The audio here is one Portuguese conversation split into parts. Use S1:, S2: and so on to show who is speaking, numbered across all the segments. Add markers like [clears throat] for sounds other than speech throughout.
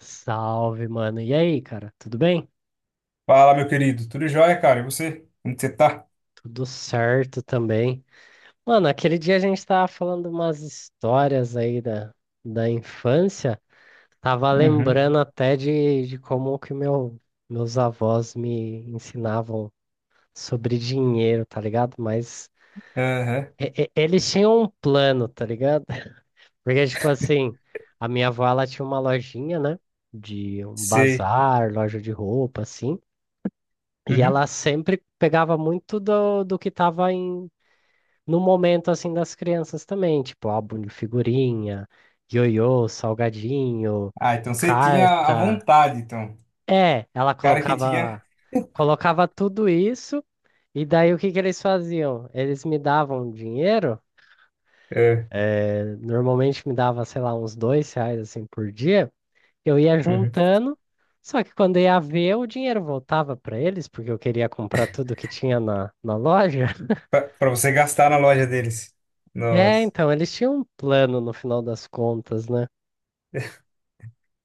S1: Salve, mano. E aí, cara? Tudo bem?
S2: Fala, meu querido. Tudo jóia, cara? E você? Como que você tá?
S1: Tudo certo também. Mano, aquele dia a gente tava falando umas histórias aí da infância. Tava
S2: Uhum.
S1: lembrando até de como que meus avós me ensinavam sobre dinheiro, tá ligado? Mas
S2: Aham.
S1: eles tinham um plano, tá ligado? [laughs] Porque, tipo assim, a minha avó, ela tinha uma lojinha, né? De um
S2: Sei.
S1: bazar, loja de roupa, assim. E
S2: Uhum.
S1: ela sempre pegava muito do que estava em, no momento assim das crianças também, tipo álbum de figurinha, ioiô, salgadinho,
S2: Ah, então você tinha a
S1: carta.
S2: vontade, então.
S1: É, ela
S2: Cara que tinha.
S1: colocava tudo isso. E daí o que que eles faziam? Eles me davam dinheiro,
S2: É.
S1: normalmente me dava, sei lá, uns R$ 2 assim por dia. Eu ia
S2: Uhum.
S1: juntando, só que quando ia ver, o dinheiro voltava para eles porque eu queria comprar tudo que tinha na loja.
S2: Pra, pra você gastar na loja deles.
S1: É,
S2: Nossa.
S1: então, eles tinham um plano no final das contas, né?
S2: [laughs]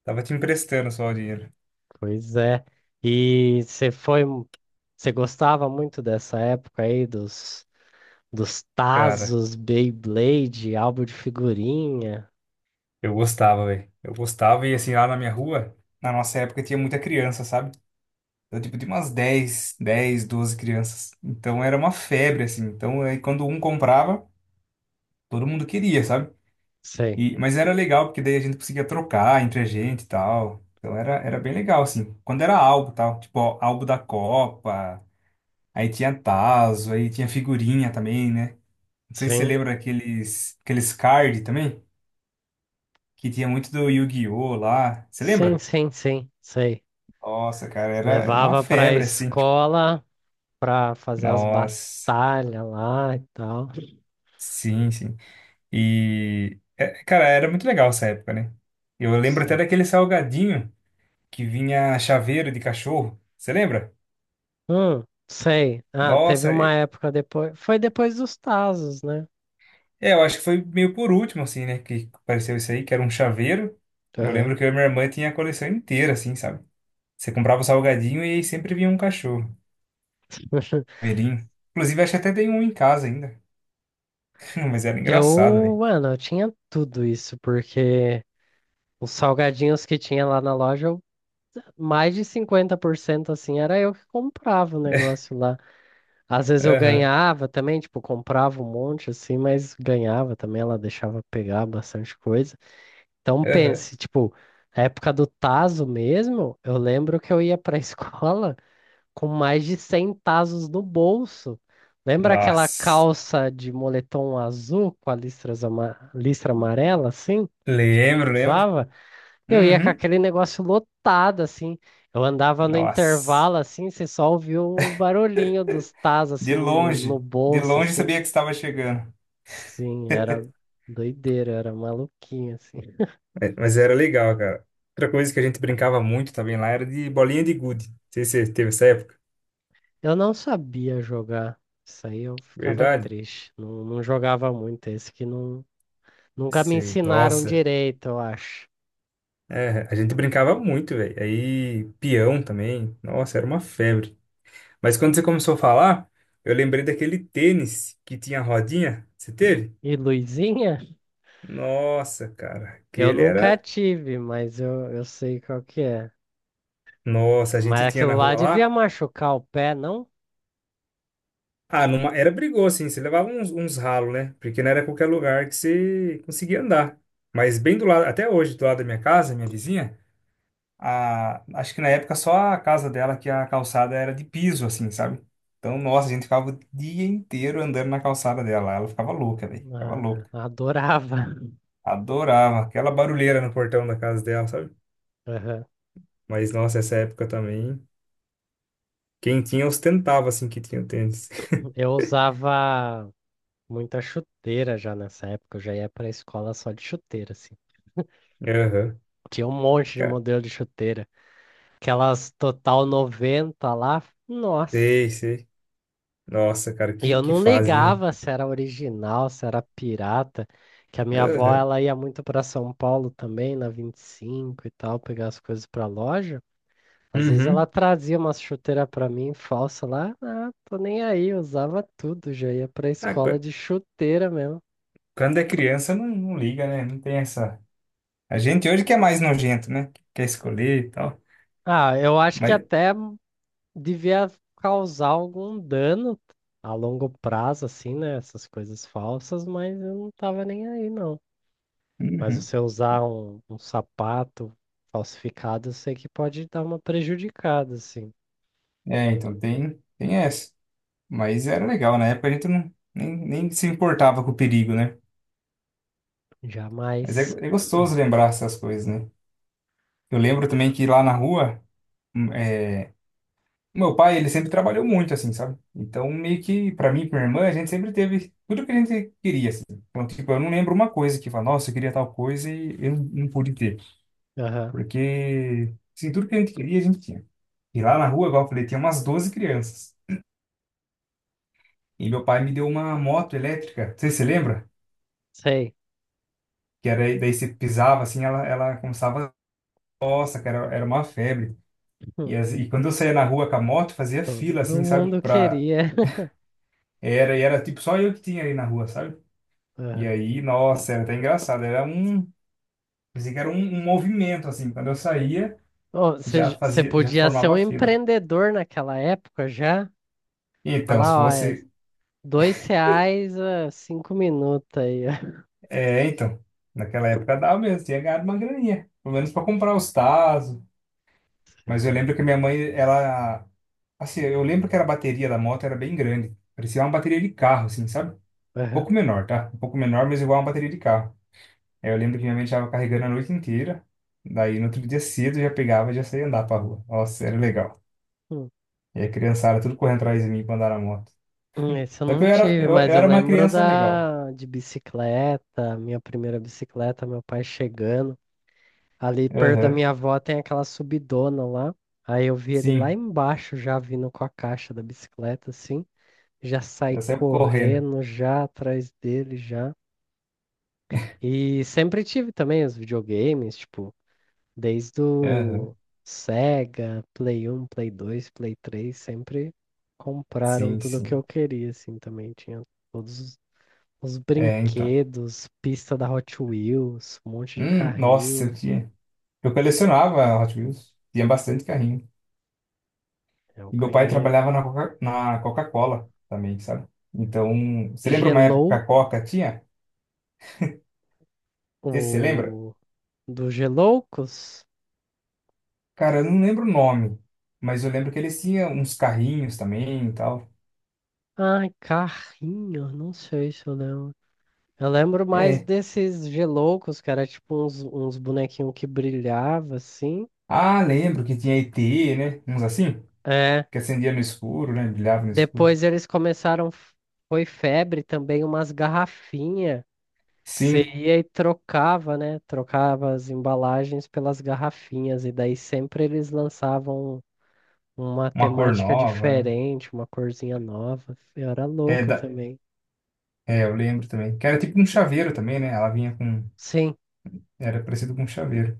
S2: Tava te emprestando só o dinheiro.
S1: Pois é. E você foi. Você gostava muito dessa época aí dos
S2: Cara,
S1: Tazos, Beyblade, álbum de figurinha?
S2: eu gostava, velho. Eu gostava e assim, lá na minha rua, na nossa época tinha muita criança, sabe? Então, tipo, tinha umas dez 12 crianças. Então era uma febre, assim. Então aí quando um comprava, todo mundo queria, sabe?
S1: Sei.
S2: E, mas era legal, porque daí a gente conseguia trocar entre a gente e tal. Então era bem legal, assim. Quando era álbum e tal, tipo, ó, álbum da Copa, aí tinha tazo, aí tinha figurinha também, né? Não sei se você
S1: Sim.
S2: lembra aqueles card também, que tinha muito do Yu-Gi-Oh! Lá. Você
S1: Sim,
S2: lembra?
S1: sim, sim, sei.
S2: Nossa, cara, era uma
S1: Levava pra
S2: febre, assim.
S1: escola pra fazer as
S2: Nossa,
S1: batalhas lá e tal.
S2: sim, sim. E, é, cara, era muito legal essa época, né? Eu lembro até
S1: Sei.
S2: daquele salgadinho que vinha chaveiro de cachorro. Você lembra?
S1: Sei. Ah, teve
S2: Nossa,
S1: uma época depois. Foi depois dos Tazos, né?
S2: é, eu acho que foi meio por último, assim, né? Que apareceu isso aí, que era um chaveiro. Eu
S1: Aham.
S2: lembro que eu e minha irmã tinha a coleção inteira, assim, sabe? Você comprava o salgadinho e aí sempre vinha um cachorro
S1: [laughs]
S2: verinho. Inclusive, acho que até tem um em casa ainda. [laughs] Mas era engraçado,
S1: Eu,
S2: velho.
S1: mano, eu tinha tudo isso, porque os salgadinhos que tinha lá na loja, mais de 50% assim, era eu que comprava o negócio lá. Às vezes eu
S2: Aham,
S1: ganhava também, tipo, comprava um monte assim, mas ganhava também, ela deixava pegar bastante coisa. Então
S2: aham.
S1: pense, tipo, na época do tazo mesmo, eu lembro que eu ia pra [laughs] escola com mais de 100 tazos no bolso. Lembra aquela
S2: Nossa.
S1: calça de moletom azul com a listra amarela, assim? Que
S2: Lembro, lembro.
S1: usava, eu ia com
S2: Uhum.
S1: aquele negócio lotado, assim. Eu andava no
S2: Nossa.
S1: intervalo, assim, você só ouvia o barulhinho dos tazos, assim, no
S2: De
S1: bolso,
S2: longe
S1: assim.
S2: sabia que estava chegando.
S1: Sim, era doideira, era maluquinho, assim.
S2: É, mas era legal, cara. Outra coisa que a gente brincava muito também lá era de bolinha de gude. Não sei se você teve essa época.
S1: Eu não sabia jogar. Isso aí eu ficava
S2: Verdade?
S1: triste. Não, não jogava muito. Esse que não, nunca me
S2: Sei.
S1: ensinaram
S2: Nossa.
S1: direito, eu acho.
S2: É, a gente brincava muito, velho. Aí, peão também. Nossa, era uma febre. Mas quando você começou a falar, eu lembrei daquele tênis que tinha rodinha. Você teve?
S1: E luzinha?
S2: Nossa, cara.
S1: Eu
S2: Aquele
S1: nunca
S2: era.
S1: tive, mas eu sei qual que é.
S2: Nossa, a gente
S1: Mas
S2: tinha na
S1: aquilo lá
S2: rua
S1: devia
S2: lá.
S1: machucar o pé, não?
S2: Ah, era brigou, assim. Você levava uns ralos, né? Porque não era qualquer lugar que você conseguia andar. Mas bem do lado, até hoje, do lado da minha casa, minha vizinha. Acho que na época só a casa dela que a calçada era de piso, assim, sabe? Então, nossa, a gente ficava o dia inteiro andando na calçada dela. Ela ficava louca, velho. Ficava
S1: Ah,
S2: louca.
S1: adorava. [laughs]
S2: Adorava aquela barulheira no portão da casa dela, sabe?
S1: Aham.
S2: Mas, nossa, essa época também. Quem tinha ostentava, assim, que tinha o tênis.
S1: Eu usava muita chuteira já nessa época. Eu já ia pra escola só de chuteira, assim.
S2: [laughs] Aham.
S1: Tinha um monte de
S2: Cara,
S1: modelo de chuteira. Aquelas Total 90 lá. Nossa.
S2: sei, sei. Nossa, cara,
S1: E eu
S2: que
S1: não
S2: fase, né?
S1: ligava se era original, se era pirata, que a minha avó
S2: Aham.
S1: ela ia muito para São Paulo também, na 25 e cinco e tal, pegar as coisas para loja. Às vezes ela
S2: Uhum.
S1: trazia uma chuteira para mim falsa lá, ah, tô nem aí, eu usava tudo, já ia para
S2: Ah,
S1: escola de chuteira mesmo.
S2: quando é criança, não, não liga, né? Não tem essa. A gente hoje que é mais nojento, né? Quer escolher e tal.
S1: Ah, eu acho que
S2: Mas,
S1: até devia causar algum dano a longo prazo, assim, né? Essas coisas falsas, mas eu não tava nem aí, não. Mas
S2: uhum.
S1: você usar um sapato falsificado, eu sei que pode dar uma prejudicada, assim.
S2: É, então tem, tem essa. Mas era legal, na época a gente não, nem, nem se importava com o perigo, né? Mas é,
S1: Jamais.
S2: é gostoso lembrar essas coisas, né? Eu lembro também que lá na rua, é, meu pai, ele sempre trabalhou muito, assim, sabe? Então, meio que, pra mim e pra minha irmã, a gente sempre teve tudo que a gente queria, assim. Então, tipo, eu não lembro uma coisa que fala, nossa, eu queria tal coisa e eu não, não pude ter.
S1: Aham.
S2: Porque, assim, tudo que a gente queria, a gente tinha. E lá na rua, igual eu falei, tinha umas 12 crianças. E meu pai me deu uma moto elétrica, não sei se você lembra?
S1: Sei.
S2: Que era, daí você pisava assim, ela começava, nossa, cara, era uma febre.
S1: Hum.
S2: E quando eu saía na rua com a moto, fazia fila
S1: Todo
S2: assim, sabe?
S1: mundo queria. [laughs]
S2: Era, e era tipo só eu que tinha ali na rua, sabe? E
S1: Aham.
S2: aí, nossa, era até engraçado, pensei que era um movimento assim, quando eu saía,
S1: Ô,
S2: já
S1: Você
S2: fazia, já
S1: podia ser um
S2: formava fila.
S1: empreendedor naquela época já?
S2: Então, se
S1: Falar, ó, é
S2: fosse,
S1: R$ 2 a 5 minutos aí. [laughs]
S2: é, então, naquela época dava mesmo, tinha ganhado uma graninha, pelo menos para comprar os tazos. Mas eu
S1: Sim.
S2: lembro que minha mãe, ela. Assim, eu lembro que era a bateria da moto era bem grande. Parecia uma bateria de carro, assim, sabe? Um
S1: Aham.
S2: pouco menor, tá? Um pouco menor, mas igual uma bateria de carro. Aí eu lembro que minha mãe estava carregando a noite inteira. Daí no outro dia cedo eu já pegava e já saía andar pra rua. Nossa, era legal.
S1: Hum.
S2: E a criançada tudo correndo atrás de mim pra andar na moto.
S1: Esse eu
S2: Só que
S1: não
S2: eu era,
S1: tive,
S2: eu
S1: mas eu
S2: era uma
S1: lembro
S2: criança legal.
S1: da de bicicleta, minha primeira bicicleta, meu pai chegando. Ali perto da
S2: Aham,
S1: minha avó tem aquela subidona lá. Aí eu vi ele lá
S2: sim.
S1: embaixo já vindo com a caixa da bicicleta, assim. Já saí
S2: Eu sempre correndo.
S1: correndo já atrás dele já. E sempre tive também os videogames, tipo, desde
S2: Aham,
S1: o Sega, Play 1, Play 2, Play 3, sempre compraram
S2: sim,
S1: tudo o que eu
S2: sim.
S1: queria, assim, também. Tinha todos os
S2: É, então.
S1: brinquedos, pista da Hot Wheels, um monte de
S2: Nossa,
S1: carrinho.
S2: eu tinha. Eu colecionava Hot Wheels. Tinha bastante carrinho.
S1: Eu
S2: E meu pai
S1: ganhei.
S2: trabalhava na Coca-Cola também, sabe? Então, você lembra uma época que a
S1: Gelou.
S2: Coca tinha? Você se lembra?
S1: O do Geloucos?
S2: Cara, eu não lembro o nome, mas eu lembro que eles tinham uns carrinhos também e tal.
S1: Ai, carrinho, não sei se eu lembro. Eu lembro mais
S2: É.
S1: desses Geloucos, que era tipo uns bonequinhos que brilhava assim.
S2: Ah, lembro que tinha ET, né? Uns assim,
S1: É.
S2: que acendia no escuro, né? Brilhava no escuro.
S1: Depois eles começaram, foi febre também, umas garrafinhas. Que você
S2: Sim,
S1: ia e trocava, né? Trocava as embalagens pelas garrafinhas. E daí sempre eles lançavam uma
S2: uma cor
S1: temática
S2: nova, né?
S1: diferente, uma corzinha nova. Eu era
S2: É,
S1: louco
S2: da...
S1: também.
S2: é, eu lembro também. Que era tipo um chaveiro também, né? Ela vinha com.
S1: Sim.
S2: Era parecido com um chaveiro.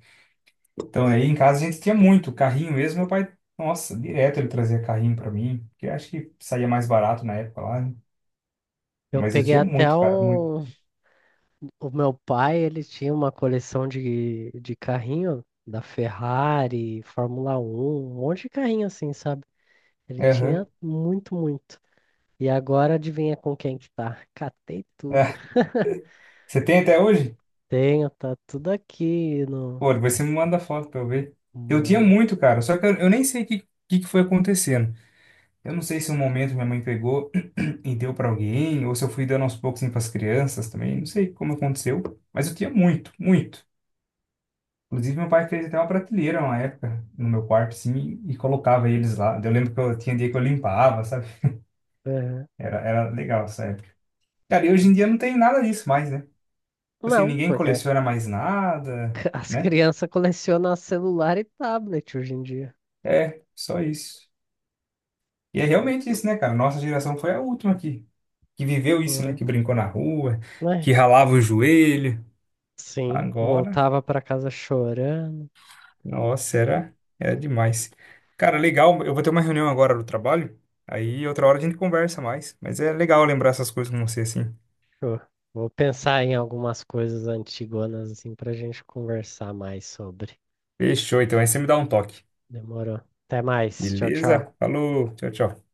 S2: Então aí em casa a gente tinha muito carrinho mesmo, meu pai, nossa, direto ele trazia carrinho pra mim, porque eu acho que saía mais barato na época lá, né?
S1: Eu
S2: Mas eu
S1: peguei
S2: tinha
S1: até
S2: muito, cara, muito.
S1: um. O meu pai, ele tinha uma coleção de carrinho da Ferrari, Fórmula 1, um monte de carrinho assim, sabe? Ele
S2: Aham. [laughs]
S1: tinha muito, muito. E agora adivinha com quem que tá? [laughs] Catei tudo.
S2: Ah, você tem até hoje?
S1: Tenho, tá tudo aqui no.
S2: Pô, depois você me manda foto pra eu ver. Eu tinha
S1: Mano.
S2: muito, cara, só que eu nem sei o que, que foi acontecendo. Eu não sei se um momento minha mãe pegou [clears throat] e deu pra alguém, ou se eu fui dando aos poucos assim, pras crianças também, não sei como aconteceu, mas eu tinha muito, muito. Inclusive, meu pai fez até uma prateleira uma época no meu quarto, assim, e colocava eles lá. Eu lembro que eu tinha dia que eu limpava, sabe?
S1: É.
S2: Era, era legal essa época. Cara, e hoje em dia não tem nada disso mais, né? Tipo. Assim,
S1: Não,
S2: ninguém
S1: porque
S2: coleciona mais nada,
S1: [laughs] as
S2: né?
S1: crianças colecionam celular e tablet hoje em dia.
S2: É, só isso. E é
S1: Não,
S2: realmente isso, né, cara? Nossa geração foi a última que viveu isso, né? Que brincou na rua,
S1: né?
S2: que ralava o joelho.
S1: Sim,
S2: Agora.
S1: voltava pra casa chorando.
S2: Nossa, era, era demais. Cara, legal. Eu vou ter uma reunião agora do trabalho. Aí outra hora a gente conversa mais. Mas é legal lembrar essas coisas com você, assim.
S1: Fechou. Vou pensar em algumas coisas antigonas assim para a gente conversar mais sobre.
S2: Fechou, então. Aí você me dá um toque.
S1: Demorou. Até mais. Tchau, tchau.
S2: Beleza? Falou. Tchau, tchau.